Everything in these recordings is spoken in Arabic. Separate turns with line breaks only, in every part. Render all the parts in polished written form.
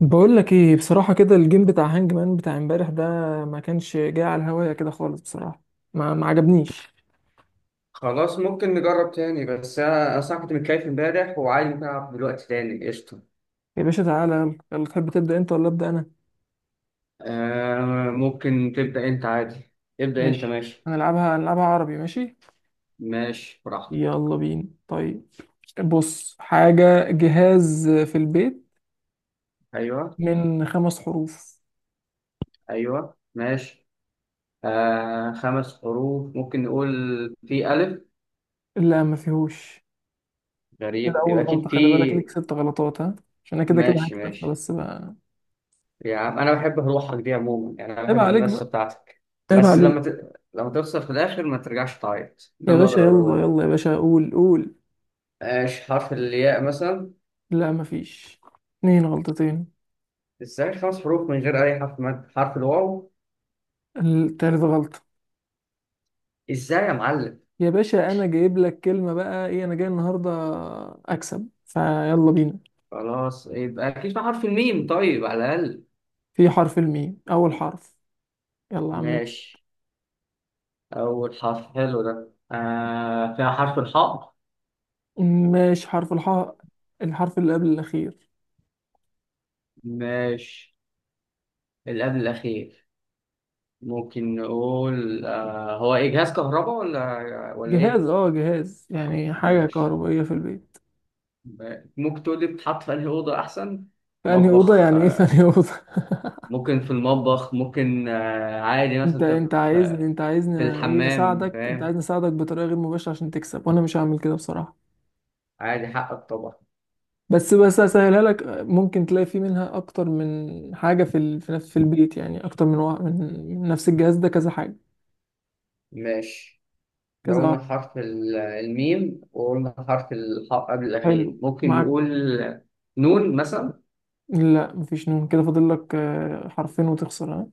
بقول لك ايه بصراحة كده. الجيم بتاع هانج مان بتاع امبارح ده ما كانش جاي على الهواية كده خالص بصراحة. ما عجبنيش.
خلاص، ممكن نجرب تاني. بس أنا أصلا كنت متكيف امبارح وعادي ممكن ألعب دلوقتي تاني. قشطة.
يا باشا تعالى، يلا يلا، تحب تبدأ انت ولا أبدأ انا؟
آه، ممكن تبدأ أنت عادي. ابدأ أنت،
ماشي.
ماشي.
هنلعبها هنلعبها عربي. ماشي.
ماشي براحتك.
يلا بينا. طيب بص، حاجة، جهاز في البيت
أيوه،
من خمس حروف.
أيوه، ماشي. آه، 5 حروف. ممكن نقول في ألف.
لا ما فيهوش. كده
غريب،
اول
يبقى
غلطة،
أكيد في.
خلي بالك ليك ست غلطات، ها. عشان انا كده كده
ماشي،
هكسب
ماشي.
بس بقى.
يا عم أنا بحب روحك دي عموما، يعني أنا
عيب
بحب
عليك
المنافسة
بقى.
بتاعتك.
عيب
بس
عليك.
لما لما توصل في الآخر ما ترجعش تعيط. ده
يا
اللي
باشا
أقدر أقوله
يلا يلا
لك.
يا باشا، قول قول.
ماشي، حرف الياء مثلا.
لا مفيش. اتنين غلطتين.
ازاي خمس حروف من غير اي حرف مد؟ حرف الواو.
التالت غلطة.
ازاي يا معلم؟
يا باشا انا جايب لك كلمة بقى، ايه انا جاي النهاردة اكسب فيلا بينا.
خلاص، يبقى اكيد في حرف الميم، طيب، على الاقل.
في حرف الميم، اول حرف. يلا يا عم بس.
ماشي. اول حرف حلو ده. فيها حرف الحاء.
ماشي، حرف الحاء، الحرف اللي قبل الاخير.
ماشي، اللي قبل الاخير. ممكن نقول هو اجهاز كهرباء ولا
جهاز
ايه؟
اه جهاز يعني حاجة
ماشي.
كهربائية في البيت.
ممكن تقول لي بتحط في انهي اوضه احسن؟
فأنهي أوضة؟
مطبخ،
يعني ايه
آه.
فأنهي أوضة
ممكن في المطبخ، ممكن عادي، مثلا
انت
تبقى
انت عايزني،
في.
انت عايزني
في
ايه،
الحمام،
اساعدك، انت
فاهم.
عايزني اساعدك بطريقة غير مباشرة عشان تكسب، وانا مش هعمل كده بصراحة.
عادي، حقك طبعا.
بس بس اسهلها لك، ممكن تلاقي فيه منها اكتر من حاجه في في نفس، في البيت يعني، اكتر من نفس الجهاز ده كذا حاجه.
ماشي. لو
كذا
قلنا
واحد.
حرف الميم وقلنا حرف الحاء قبل الأخير،
حلو
ممكن
معاك.
نقول نون مثلا.
لا مفيش نون، كده فاضل لك حرفين وتخسر، ها.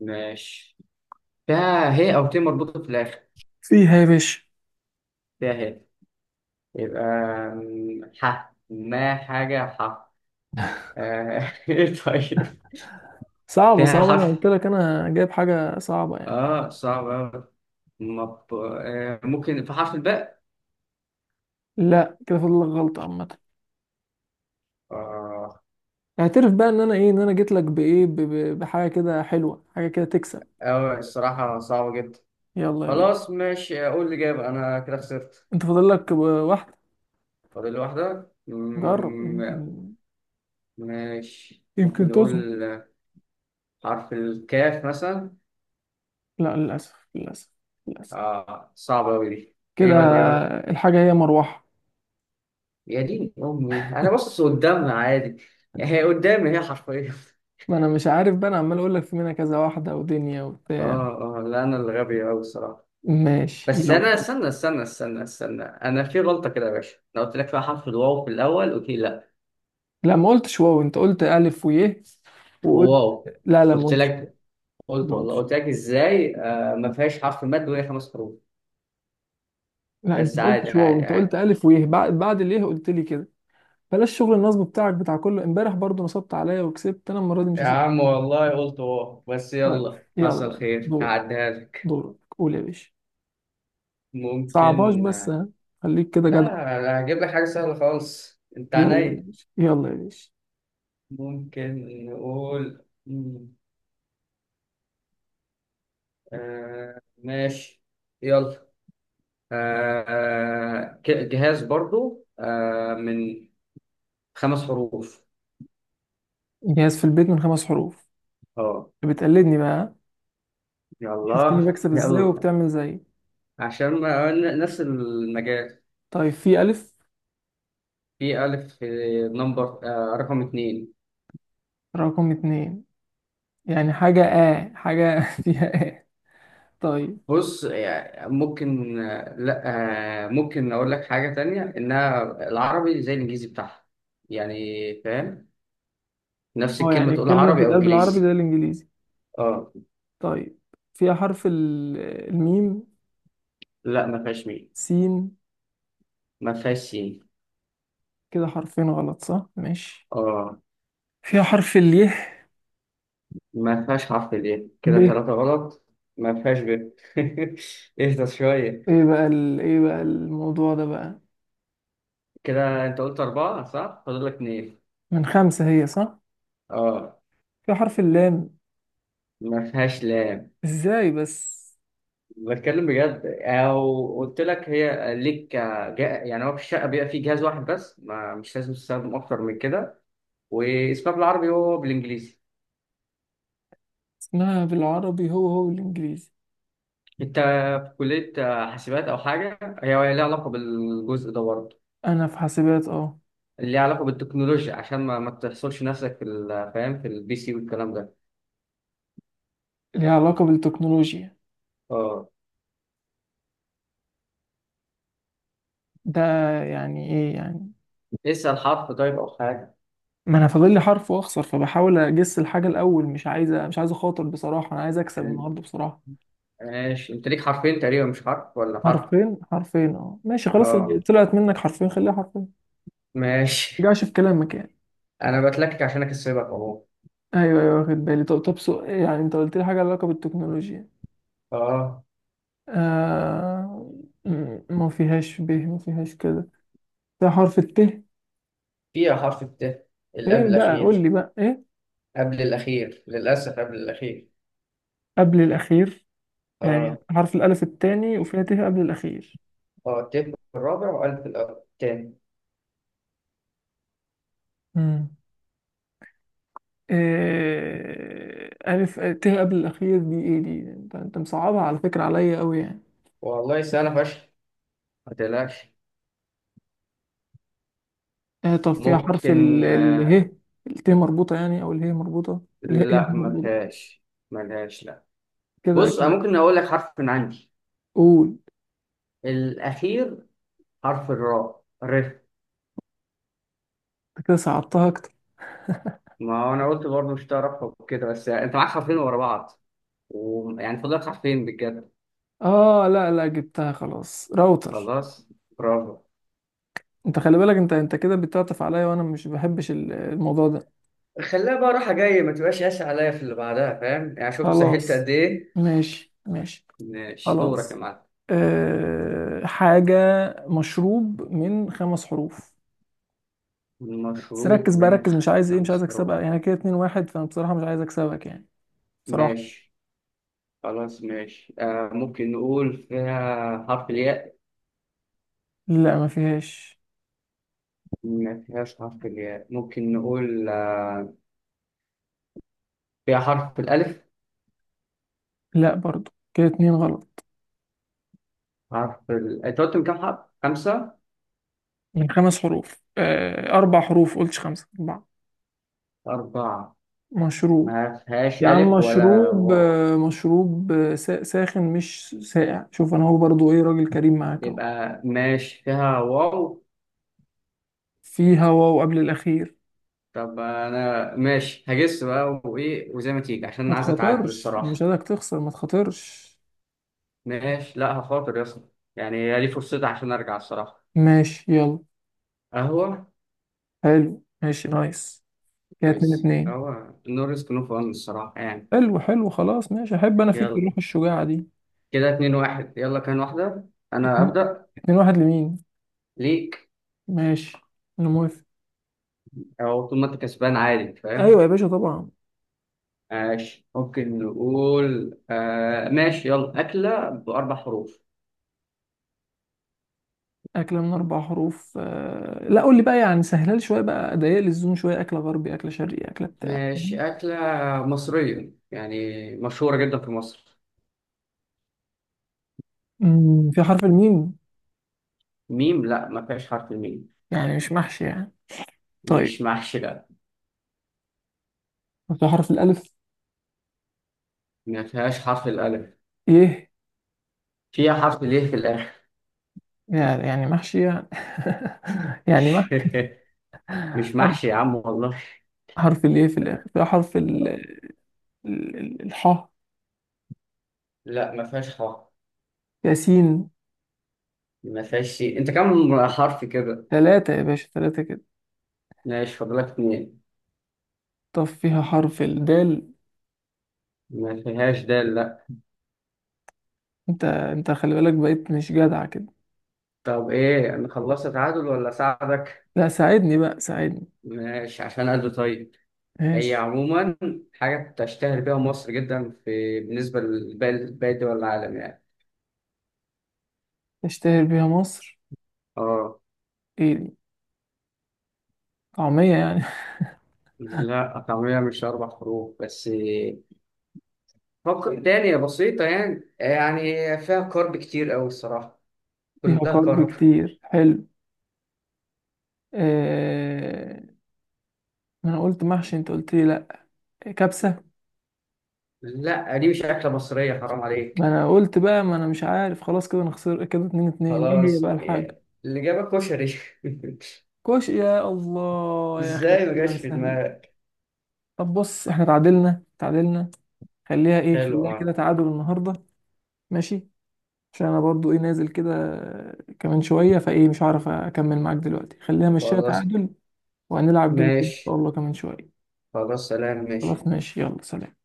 ماشي. فيها هي أو ت مربوطة في الآخر؟
فيها يا باشا.
فيها هي؟ يبقى ح. ما حاجة ح. آه، إيه طيب.
صعبه
فيها
صعبه، انا
حرف.
قلت لك انا جايب حاجه صعبه يعني.
آه، صعب أوي. ممكن في حرف الباء.
لا كده فاضل لك غلطه عامه.
آه.
اعترف بقى ان انا ايه، ان انا جيت لك بحاجه كده حلوه، حاجه كده تكسب.
أوي، الصراحة صعبة جدا.
يلا يا باشا.
خلاص، ماشي، أقول الإجابة. أنا كده خسرت.
انت فاضل لك واحده،
فاضل لي واحدة.
جرب يمكن.
ماشي، ممكن
يمكن تظبط.
نقول حرف الكاف مثلا.
لا للأسف للأسف للأسف.
آه، صعبة أوي دي.
كده
إيه بقى الإجابة؟
الحاجة هي مروحة.
يا دين أمي، أنا باصص قدامها عادي. هي قدامي، هي حرفيا.
ما أنا مش عارف بقى، أنا عمال أقول لك في منها كذا واحدة ودنيا وبتاع.
آه، آه، لا، أنا اللي غبي أوي الصراحة.
ماشي
بس
يلا.
أنا، استنى استنى استنى استنى، أنا في غلطة كده يا باشا. أنا قلت لك فيها حرف الواو في الأول، قلت لي لأ.
لا ما قلتش واو، أنت قلت ألف ويه وقلت.
واو.
لا لا، ما
قلت
قلتش.
لك. قلت،
ما
والله
قلتش.
قلت لك، إزاي ما فيهاش حرف مد وهي خمس حروف؟
لا، أنت
بس،
ما
عادي
قلتش واو،
عادي
أنت قلت
عادي.
ألف ويه بعد اليه قلت لي كده. بلاش شغل النصب بتاعك، بتاع كله امبارح برضو نصبت عليا وكسبت، أنا المرة دي مش
يا
هسيب.
عم والله قلت بس.
طيب.
يلا، حصل
يلا
خير،
دورك.
هعديها لك.
دورك، قول يا باشا. صعبهاش
ممكن،
بس
لا.
ها. خليك كده جدع.
لا، هجيب لك حاجة سهلة خالص، انت
يلا يا
عينيا.
باشا يلا يا باشا.
ممكن نقول آه، ماشي. يلا. آه. جهاز برضو، من 5 حروف.
جهاز في البيت من خمس حروف.
اه.
بتقلدني بقى ها؟ شفتني
يلا،
بكسب ازاي
يلا.
وبتعمل زي.
عشان نفس المجال.
طيب. في ألف.
في ألف، نمبر، رقم 2.
رقم اتنين. يعني حاجة، حاجة فيها. طيب.
بص، يعني ممكن، لا، ممكن اقول لك حاجه تانية، انها العربي زي الانجليزي بتاعها. يعني، فاهم؟ نفس
اه،
الكلمه
يعني
تقول
الكلمة
عربي او
بتتقال بالعربي
انجليزي.
زي الإنجليزي.
اه.
طيب. فيها حرف الميم.
لا، ما فيهاش ميم.
سين.
ما فيهاش سين.
كده حرفين غلط، صح، ماشي.
اه،
فيها حرف اليه.
ما فيهاش حرف ال.
ب.
كده 3 غلط. ما فيهاش ب. اهدى شويه.
ايه بقى ايه بقى الموضوع ده بقى.
كده انت قلت 4، صح؟ فاضل لك 2.
من خمسة هي، صح.
اه،
فيها حرف اللام.
ما فيهاش، لا.
ازاي بس.
بتكلم بجد، او قلت لك هي ليك. يعني هو في الشقه بيبقى فيه جهاز واحد بس، ما مش لازم تستخدم اكتر من كده. واسمها بالعربي وهو بالانجليزي.
اسمها بالعربي، هو هو بالإنجليزي.
انت في كليه حاسبات او حاجه هي ليها علاقه بالجزء ده برضه.
انا في حاسبات، اه.
اللي ليها علاقه بالتكنولوجيا، عشان ما تحصلش نفسك في فاهم، في البي سي والكلام ده.
ليها علاقة بالتكنولوجيا.
اه.
ده يعني ايه يعني.
اسال حرف طيب او حاجه.
ما انا فاضل لي حرف واخسر، فبحاول اجس الحاجة الاول، مش عايز اخاطر بصراحة، انا عايز اكسب
ال-
النهاردة بصراحة.
ماشي، انت ليك حرفين تقريبا، مش حرف ولا حرف.
حرفين حرفين، اه ماشي خلاص، اللي
اه،
طلعت منك حرفين خليها حرفين.
ماشي.
رجعش في كلامك يعني.
انا بتلكك عشان اكسبك اهو.
ايوه ايوه واخد بالي، طب طب، يعني انت قلت لي حاجة علاقة بالتكنولوجيا.
اه،
آه... ما فيهاش ب، ما فيهاش، كده ده حرف الت.
فيها حرف الت اللي قبل
فين بقى، قول
الأخير.
لي بقى ايه
قبل الأخير، للأسف قبل الأخير.
قبل الاخير. يعني
آه،
حرف الألف الثاني، وفيها ت قبل الأخير.
آه، الت في الرابع وألف في الأول تاني.
مم. ألف، ت قبل الأخير، دي إيه دي؟ أنت مصعبها على فكرة عليا أوي يعني.
والله سهلة فشخ. ما تقلقش.
طب فيها حرف ال
ممكن،
ال
آه.
ه، الت مربوطة يعني أو اله مربوطة. اله إيه
لا، ما
مربوطة.
فيهاش. ما لهاش، لا.
كده
بص،
كده.
أنا ممكن أقول لك حرف من عندي.
قول.
الأخير، حرف الراء، ر.
أنت كده صعبتها أكتر.
ما هو أنا قلت برضه مش تعرف كده، بس يعني أنت معاك حرفين ورا بعض. ويعني فاضل لك حرفين بجد.
آه لا لا، جبتها خلاص، راوتر.
خلاص، برافو.
أنت خلي بالك، أنت كده بتعطف عليا، وأنا مش بحبش الموضوع ده.
خليها بقى راحة جاية، ما تبقاش قاسي عليا في اللي بعدها، فاهم يعني؟ شفت سهلت
خلاص
قد إيه.
ماشي ماشي.
ماشي، دورك يا
خلاص
معلم.
حاجة، مشروب من خمس حروف. بس
المشروب
ركز بقى
من
ركز، مش عايز
خمس
اكسبها،
حروف
يعني كده 2-1، فانا بصراحة مش عايز اكسبك يعني. بصراحة.
ماشي، خلاص، ماشي، ممكن نقول فيها حرف الياء.
لا ما فيهاش.
ما فيهاش حرف الياء. ممكن نقول، آه، فيها حرف الألف.
لا برضو، كده اتنين غلط.
حرف أنت قلت من كام حرف؟ خمسة؟
من خمس حروف، أه اربع حروف، قلتش خمسة، اربعة.
4.
مشروب.
ما فيهاش
يا عم
ألف ولا
مشروب،
واو.
مشروب، ساخن مش ساقع، شوف انا هو برضو ايه، راجل كريم معاك اهو.
يبقى ماشي، فيها واو.
في هوا وقبل الاخير.
طب انا ماشي هجس بقى وايه وزي ما تيجي، عشان
ما
انا عايز اتعدل
تخاطرش، مش
الصراحه.
عايزك تخسر، ما تخاطرش.
ماشي، لا، هخاطر يا اسطى. يعني هي دي فرصتي عشان ارجع الصراحه.
ماشي يلا.
قهوه.
حلو ماشي، نايس. كده
نايس،
اتنين اتنين.
قهوه، نو ريسك نو فن الصراحه يعني.
حلو حلو خلاص ماشي، احب انا فيك
يلا.
الروح الشجاعة دي.
كده 2-1، يلا، كان واحده انا
اتنين.
ابدا.
2-1 لمين؟
ليك.
ماشي انا موافق.
او طول ما انت كسبان عادي،
ايوه
فاهم.
يا باشا طبعا.
ماشي، ممكن نقول، ماشي، يلا، اكله باربع حروف.
اكلة من اربع حروف. لا قول لي بقى، يعني سهلها لي شوية بقى، ضيق لي الزون شوية، اكلة غربي، اكلة شرقي، اكلة بتاع.
ماشي، اكله مصريه يعني، مشهوره جدا في مصر.
في حرف الميم.
ميم؟ لا، ما فيهاش حرف الميم.
يعني مش محشي يعني. طيب.
مش محشي، لا.
في حرف الالف.
ما فيهاش حرف الألف.
ايه.
فيها حرف ليه في الآخر.
يعني محشي يعني. يعني محشي.
مش
حرف،
محشي يا عم والله.
حرف الايه في الاخر، في حرف الحاء.
لا، ما فيهاش حرف.
ياسين.
ما فيهاش شيء. انت كم حرف كده؟
ثلاثة يا باشا ثلاثة كده.
ماشي، فاضلك 2.
طب فيها حرف الدال.
ما فيهاش دال، لا.
انت خلي بالك بقيت مش جدع كده.
طب ايه، انا خلصت تعادل ولا اساعدك؟
لا ساعدني بقى ساعدني.
ماشي، عشان قلبي طيب. هي
ماشي.
عموما حاجة تشتهر بيها مصر جدا، في بالنسبة لباقي دول العالم يعني.
تشتهر بيها مصر.
اه.
ايه دي؟ طعمية يعني.
لا، طعمية مش 4 حروف بس. تانية بسيطة، يعني. فيها كارب كتير أوي الصراحة.
فيها
كلها كارب.
كارب كتير، حلو. آه... ما انا قلت محشي، انت قلت لي لا. كبسة.
لا، دي مش أكلة مصرية، حرام
ما
عليك.
انا قلت بقى، ما انا مش عارف، خلاص كده انا خسر، كده 2-2. ايه هي
خلاص
بقى الحاجة؟
يعني، اللي جابك كشري.
كوش، يا الله يا اخي.
إزاي ما
والله
جاش في
سهل.
دماغك؟
طب بص، احنا تعادلنا تعادلنا. خليها
حلو،
خليها كده
أه.
تعادل النهارده. ماشي. عشان انا برضو نازل كده كمان شوية، فايه مش هعرف اكمل معاك دلوقتي، خلينا مشيها
خلاص
تعادل. وهنلعب جيم تاني ان شاء
ماشي،
الله كمان شوية.
خلاص، سلام،
خلاص
ماشي.
ماشي، يلا سلام.